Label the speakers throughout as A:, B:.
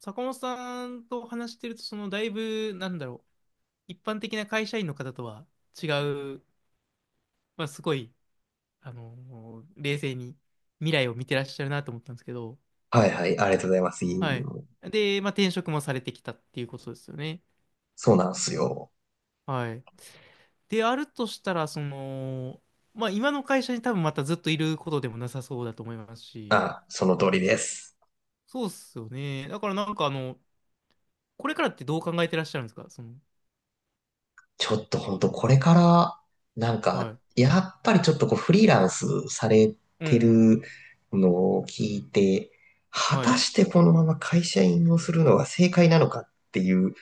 A: 坂本さんと話してると、だいぶ、一般的な会社員の方とは違う、すごい、冷静に未来を見てらっしゃるなと思ったんですけど、
B: はいはい、ありがとうございます。い
A: は
B: い
A: い。
B: よ。
A: で、まあ、転職もされてきたっていうことですよね。
B: そうなんすよ。
A: はい。であるとしたら、今の会社に多分またずっといることでもなさそうだと思いますし、
B: あ、その通りです。
A: そうっすよね。だからなんかあの、これからってどう考えてらっしゃるんですか、その。
B: ちょっと本当これから、
A: はい。
B: やっぱりちょっとこうフリーランスされ
A: うんう
B: て
A: ん。
B: るのを聞いて、果
A: は
B: た
A: い。
B: してこのまま会社員をするのが正解なのかっていう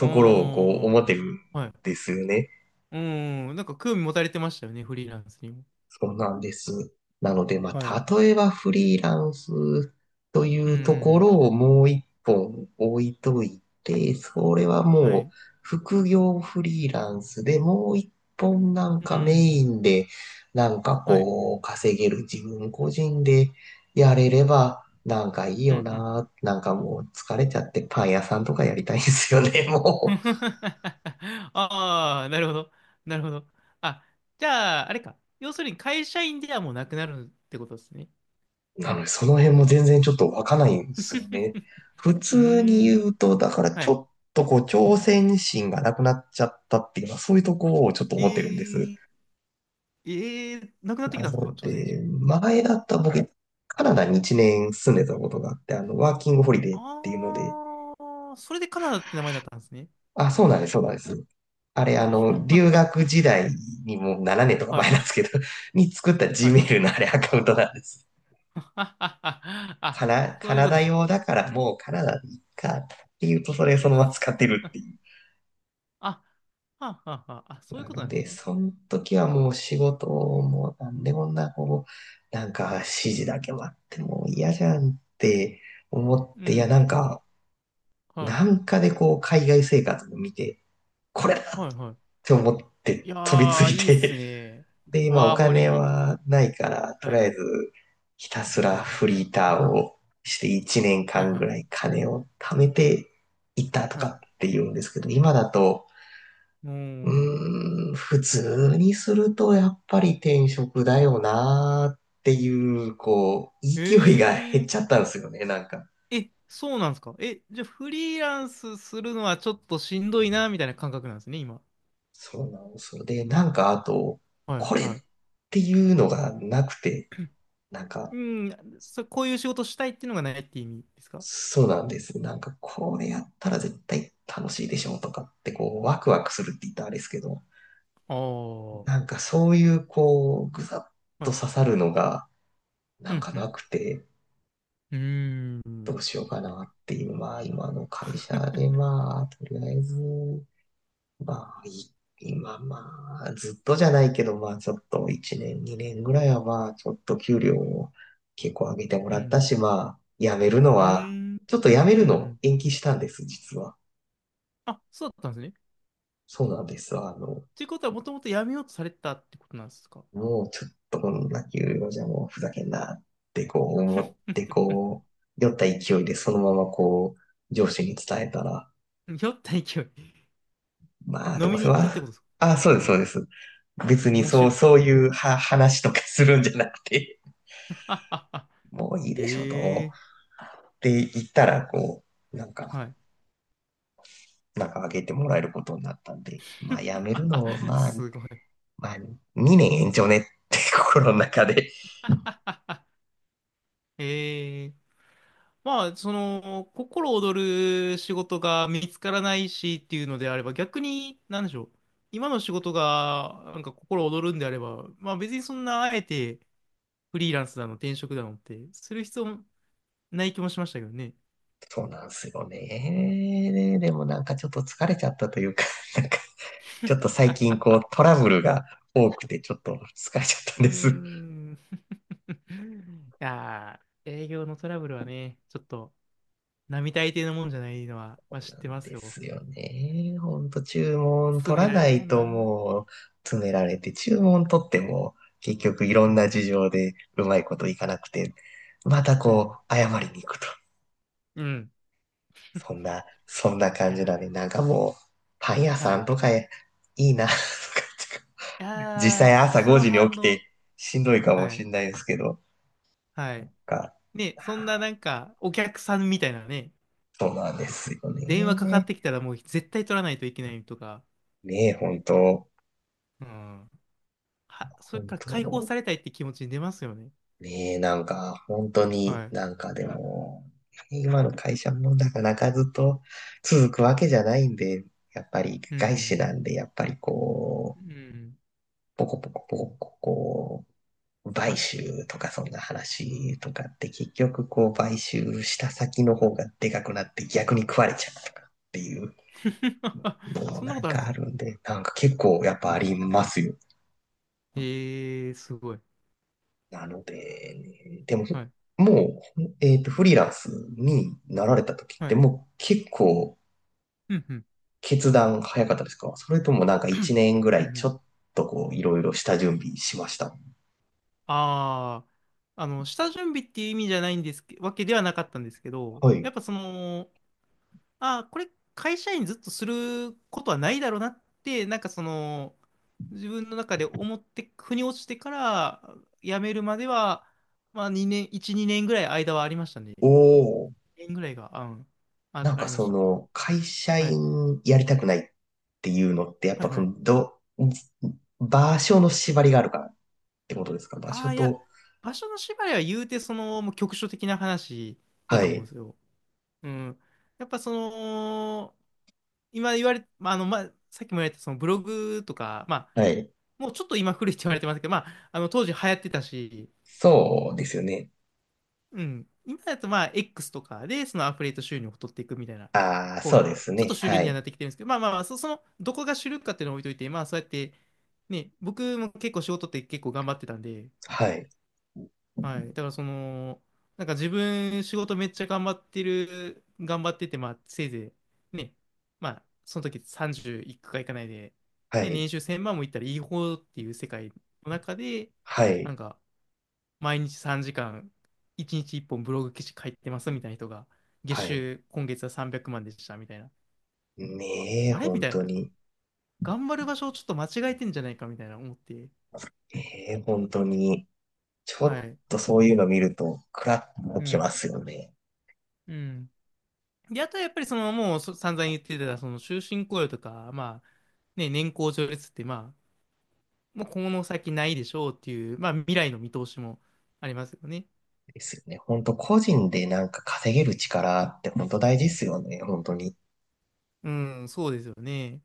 A: あ
B: ころをこう思って
A: ー。
B: るん
A: はい。
B: ですよね。
A: うん、なんか興味持たれてましたよね、フリーランスにも。
B: そうなんです。なので、ま
A: はい。
B: あ、例えばフリーランスとい
A: うんう
B: うところ
A: ん。
B: をもう一本置いといて、それは
A: うん、は
B: も
A: い。
B: う副業フリーランスでもう一本なん
A: う
B: かメイ
A: ん、
B: ンで、なんか
A: はい。
B: こう、稼げる自分個人でやれれ
A: うん、
B: ば、なんかいい
A: う
B: よ
A: ん、うん。
B: な。なんかもう疲れちゃってパン屋さんとかやりたいんですよね、もう。
A: ああ、なるほど。なるほど。あ、じゃあ、あれか。要するに会社員ではもうなくなるってことですね。
B: なので、その辺も全然ちょっとわかんないんですよね。普
A: うー
B: 通に言
A: ん、
B: うと、だから
A: は
B: ち
A: い。
B: ょっとこう、挑戦心がなくなっちゃったっていうのは、そういうところをちょっと
A: え
B: 思ってるんです。
A: ー、えー、なくなってき
B: な
A: たんですか、
B: の
A: 朝鮮
B: で、
A: 人。
B: 前だったら僕、カナダに1年住んでたことがあって、ワーキングホリデーっていうので。
A: ああ、それでカナダって名前だったんですね。
B: あ、そうなんです、そうなんです。あれ、留学
A: は
B: 時代にもう7年とか
A: い、
B: 前
A: は
B: なんで
A: い、
B: すけど、に作った
A: はい。はい。
B: Gmail のあれアカウントなんです。カ
A: あ、
B: ナ
A: そ
B: カ
A: ういう
B: ナ
A: こ
B: ダ
A: と。
B: 用だからもうカナダでいいかっていうとそれそのまま使ってるっていう。
A: あ、はあ、はあ、はあ、あ、そういう
B: な
A: こと
B: の
A: なんです
B: で、
A: ね。
B: その時はもう仕事もなんでこんなこう、なんか指示だけ待ってもう嫌じゃんって思っ
A: うん、うん、
B: て、いやなん
A: うん。
B: か、
A: はい、
B: なんかでこう海外生活を見て、これだっ
A: はい、はい。
B: て思っ
A: い
B: て
A: や
B: 飛びつ
A: ー、
B: い
A: いいっす
B: て。
A: ね。
B: で、今お
A: ワーホ
B: 金
A: リ。
B: はないから、と
A: は
B: りあ
A: い、
B: えずひたすら
A: はい、
B: フリーターをして1年
A: はい、
B: 間
A: は
B: ぐ
A: い、
B: らい金を貯めていったと
A: は
B: か
A: い。
B: って言うんですけど、今だと、
A: うーん。
B: 普通にするとやっぱり転職だよなーっていう、こう、
A: え
B: 勢いが減っ
A: ー、
B: ちゃったんですよね、なんか。
A: え、そうなんですか。え、じゃあフリーランスするのはちょっとしんどいな、みたいな感覚なんですね、今。
B: そうなんですよ。で、なんかあと、
A: は
B: こ
A: い、
B: れ
A: は
B: っていうのがなくて、なん
A: い。
B: か、
A: うん、こういう仕事したいっていうのがないって意味ですか。
B: そうなんです。なんか、これやったら絶対楽しいでしょうとかって、こう、ワクワクするって言ったらあれですけど、
A: ああー、
B: なんかそういう、こう、ぐさっ
A: は
B: と刺
A: い。
B: さるのが、
A: う
B: なん
A: ん、
B: か
A: う
B: な
A: ん。
B: くて、
A: うー
B: ど
A: ん。
B: うしようかなっていう、まあ、今の会社 で、まあ、とりあえず、まあ、い今、まあ、ずっとじゃないけど、まあ、ちょっと1年、2年ぐらいは、まあ、ちょっと給料を結構上げても
A: う
B: らった
A: ん。
B: し、まあ、辞めるの
A: うー
B: は、
A: ん。
B: ちょっと辞め
A: う
B: る
A: んう
B: の
A: ん。
B: 延期したんです、実は。
A: あ、そうだったんですね。
B: そうなんですわ。あの、
A: ということは、もともとやめようとされてたってことなんですか。
B: もうちょっとこんな給料じゃもうふざけんなってこう思って こう、酔った勢いでそのままこう、上司に伝えたら、
A: 酔った勢い。
B: まあ、
A: 飲
B: どう
A: みに
B: せ
A: 行ったって
B: は、
A: ことですか。
B: あ、そうです、そうです。別に
A: 面
B: そ
A: 白
B: う、
A: い。
B: そういうは話とかするんじゃなくて、もういいでしょ、と。
A: ええ。
B: って言ったら、こう、なんか、
A: はい。
B: なんかあげてもらえることになったんで、まあ、辞めるのを、まあ、
A: すごい。
B: まあ、2年延長ねって心の中で。
A: ええ、まあ、その、心躍る仕事が見つからないしっていうのであれば、逆に、なんでしょう。今の仕事が、なんか心躍るんであれば、別にそんな、あえて、フリーランスだの、転職だのってする必要ない気もしましたけどね。
B: そうなんですよね。でもなんかちょっと疲れちゃったというか、なんかちょっと最近こう トラブルが多くてちょっと疲れちゃった
A: うー
B: んです。
A: ん。いやー、営業のトラブルはね、ちょっと並大抵のもんじゃないのは、まあ、知っ
B: な
A: てま
B: ん
A: す
B: で
A: よ。
B: すよね。ほんと注文
A: 詰
B: 取
A: め
B: ら
A: られ
B: な
A: るも
B: い
A: ん
B: と
A: な。
B: もう詰められて、注文取っても結局いろ
A: う
B: んな
A: ん、
B: 事情でうまいこといかなくて、また
A: う
B: こ
A: ん、
B: う謝りに行くと。
A: うん。
B: そんな
A: い
B: 感じ
A: や
B: だね。なんかもうパン屋
A: ー、は
B: さん
A: い。
B: とかいいなとか
A: い
B: 実
A: や
B: 際
A: ー、
B: 朝
A: そ
B: 5
A: の
B: 時に
A: 反
B: 起き
A: 応。
B: てしんどいかも
A: は
B: し
A: い、
B: れないですけど、
A: はい。
B: か、
A: ね、そんななんか、お客さんみたいなね、
B: そうなんですよ
A: 電話かかっ
B: ね。
A: てきたらもう絶対取らないといけないとか、
B: ねえ、本当。
A: うん。は、そ
B: 本
A: れから解放
B: 当
A: されたいって気持ちに出ますよね。
B: ねえ、なんか、本当
A: は
B: に
A: い。
B: なんかでも、今の会社もなかなかずっと続くわけじゃないんで、やっぱり
A: う
B: 外資な
A: ん、
B: んで、やっぱりこ
A: う
B: う、
A: ん、うん。
B: ポコポコポコポコこう、
A: は
B: 買
A: い。
B: 収とかそんな話とかって結局こう買収した先の方がでかくなって逆に食われちゃうとかっていうの も
A: そんな
B: な
A: こ
B: ん
A: とあるんで
B: か
A: す
B: あ
A: ね。
B: るんで、なんか結構やっぱありますよ。
A: ええー、すごい。
B: なので、ね、でも、
A: はい。
B: もう、えっと、フリーランスになられた時っ
A: は
B: て
A: い。
B: もう結構
A: うんうん。
B: 決断早かったですか？それともなんか
A: う
B: 1
A: ん
B: 年ぐら
A: う
B: いちょ
A: ん。
B: っとこういろいろ下準備しました？
A: ああ、下準備っていう意味じゃないんですけ、わけではなかったんですけど、
B: は
A: や
B: い。
A: っぱその、ああ、これ会社員ずっとすることはないだろうなって、なんかその、自分の中で思って、腑に落ちてから辞めるまでは、まあ2年、1、2年ぐらい間はありましたね。
B: おお。
A: 2年ぐらいが、あ、うん、あ、
B: なん
A: あ
B: か
A: りま
B: そ
A: した。
B: の、会社
A: はい。
B: 員やりたくないっていうのって、やっ
A: はい
B: ぱそ
A: はい。
B: の、ど、場所の縛りがあるからってことですか？場
A: あ
B: 所
A: あ、いや、
B: と、
A: 場所の縛りは言うて、その、もう局所的な話だ
B: は
A: と思うんで
B: い、
A: すよ。うん。やっぱその、今言われ、さっきも言われたそのブログとか、
B: はい。
A: もうちょっと今古いって言われてますけど、当時流行ってたし、
B: そうですよね。
A: うん。今だとまあ、X とかで、そのアフィリエイト収入を取っていくみたいな
B: ああ、
A: 方
B: そう
A: が、
B: です
A: ちょっと
B: ね。
A: 主流
B: は
A: には
B: い、
A: なってきてるんですけど、どこが主流かっていうのを置いといて、まあ、そうやって、ね、僕も結構仕事って結構頑張ってたんで、
B: はい、
A: はい。だからその、なんか自分仕事めっちゃ頑張ってる、頑張ってて、まあせいぜいね、まあその時30いくかいかないで、
B: は
A: ね、
B: い、
A: 年収1000万もいったらいい方っていう世界の中で、
B: は
A: な
B: い、
A: んか毎日3時間、1日1本ブログ記事書いてますみたいな人が、月
B: はい。
A: 収今月は300万でしたみたいな。
B: ねえ、
A: あれみ
B: 本
A: たいな、
B: 当
A: なんか
B: に。
A: 頑張る場所をちょっと間違えてんじゃないかみたいな思って、
B: ねえ、本当に。ちょ
A: は
B: っ
A: い。
B: とそういうの見ると、クラッと
A: う
B: き
A: ん。
B: ますよね。
A: うん。で、あとはやっぱりそのもうそ散々言ってたその終身雇用とか、まあね、年功序列ってまあもうこの先ないでしょうっていう、まあ未来の見通しもありますよね。
B: ですよね。本当個人でなんか稼げる力って本当大事ですよね。本当に。
A: うん、そうですよね。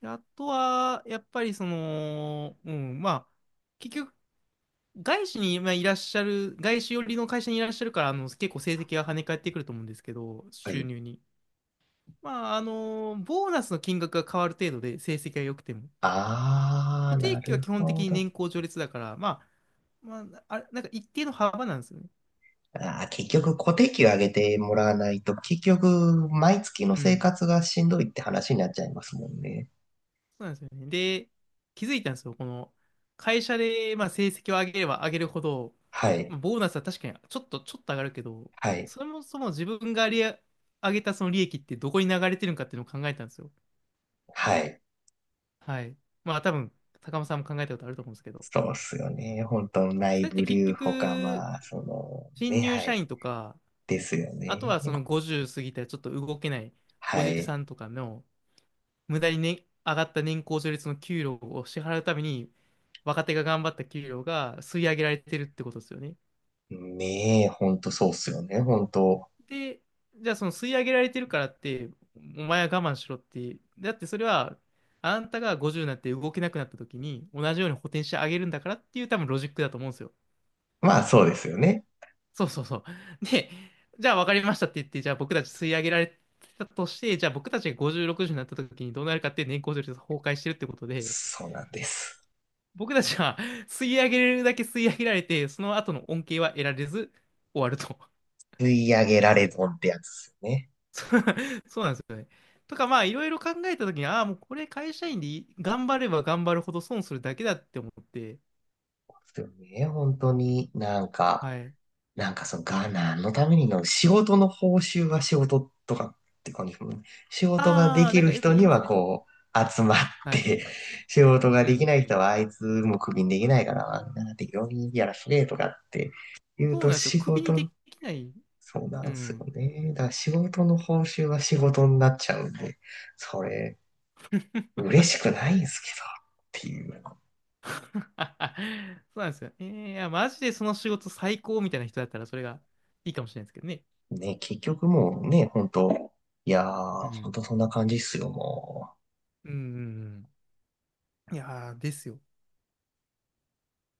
A: であとはやっぱりその、うん、結局外資にいらっしゃる、外資寄りの会社にいらっしゃるから、あの結構成績が跳ね返ってくると思うんですけど、
B: は
A: 収
B: い。
A: 入に。まああの、ボーナスの金額が変わる程度で成績が良くても。
B: ああ、
A: 固定
B: な
A: 給は
B: る
A: 基本的
B: ほ
A: に
B: ど。
A: 年功序列だから、あれ、なんか一定の幅なんですよね。
B: あー、結局固定給上げてもらわないと、結局、毎月の
A: う
B: 生
A: ん。
B: 活がしんどいって話になっちゃいますもんね。
A: そうなんですよね。で、気づいたんですよ。この会社で、まあ、成績を上げれば上げるほど、
B: はい、
A: まあボーナスは確かにちょっと上がるけど、
B: はい、
A: そもそも自分が利上げたその利益ってどこに流れてるのかっていうのを考えたんですよ。
B: はい。
A: はい。まあ、多分、高間さんも考えたことあると思うんですけど。
B: そうっすよね。本当
A: そ
B: 内
A: れって
B: 部
A: 結
B: 留保か、
A: 局、
B: まあ、その、
A: 新
B: ね、
A: 入
B: は
A: 社
B: い。
A: 員とか、
B: ですよ
A: あと
B: ね。
A: はその50過ぎたらちょっと動けないお
B: は
A: じさ
B: い。
A: んとかの、無駄にね、上がった年功序列の給料を支払うために、若手が頑張った給料が吸い上げられてるってことですよね。
B: ねえ、本当そうっすよね。本当、
A: で、じゃあその吸い上げられてるからって、お前は我慢しろって、だってそれは、あんたが50になって動けなくなった時に、同じように補填してあげるんだからっていう多分ロジックだと思うんですよ。
B: まあ、そうですよね。
A: そうそうそう。で、じゃあ分かりましたって言って、じゃあ僕たち吸い上げられてたとして、じゃあ僕たちが50、60になった時にどうなるかっていう、年功序列が崩壊してるってことで、
B: そうなんです。
A: 僕たちは吸い上げれるだけ吸い上げられて、その後の恩恵は得られず終わると。
B: 吸い上げられ損ってやつですよね。
A: そうそうなんですよね。とか、まあ、いろいろ考えたときに、ああ、もうこれ会社員でいい頑張れば頑張るほど損するだけだって思って、
B: ですよね。本当になんか、
A: はい。
B: なんかそのが何のためにの、仕事の報酬は仕事とかって感じですもんね。仕事がで
A: ああ、
B: き
A: なん
B: る
A: かよく
B: 人
A: 言い
B: に
A: ます
B: は
A: ね。
B: こう、集まっ
A: はい。
B: て 仕事が
A: う
B: でき
A: ん、
B: な
A: う
B: い人
A: ん。
B: はあいつもクビにできないから、なんな適当にやらせてとかって言う
A: そう
B: と
A: なんですよ。
B: 仕
A: 首にで
B: 事、
A: きない。
B: そうな
A: う
B: んですよ
A: ん。
B: ね。だから仕事の報酬は仕事になっちゃうんで、それ、嬉 しく
A: そ
B: ないんですけど、っていう。
A: うなんですよ。えー、いや、マジでその仕事最高みたいな人だったら、それがいいかもしれないですけどね。
B: ね、結局もうね、本当いや
A: う
B: ー、本
A: ん。
B: 当そんな感じっすよ、もう。
A: うん、うんうん。いやー、ですよ。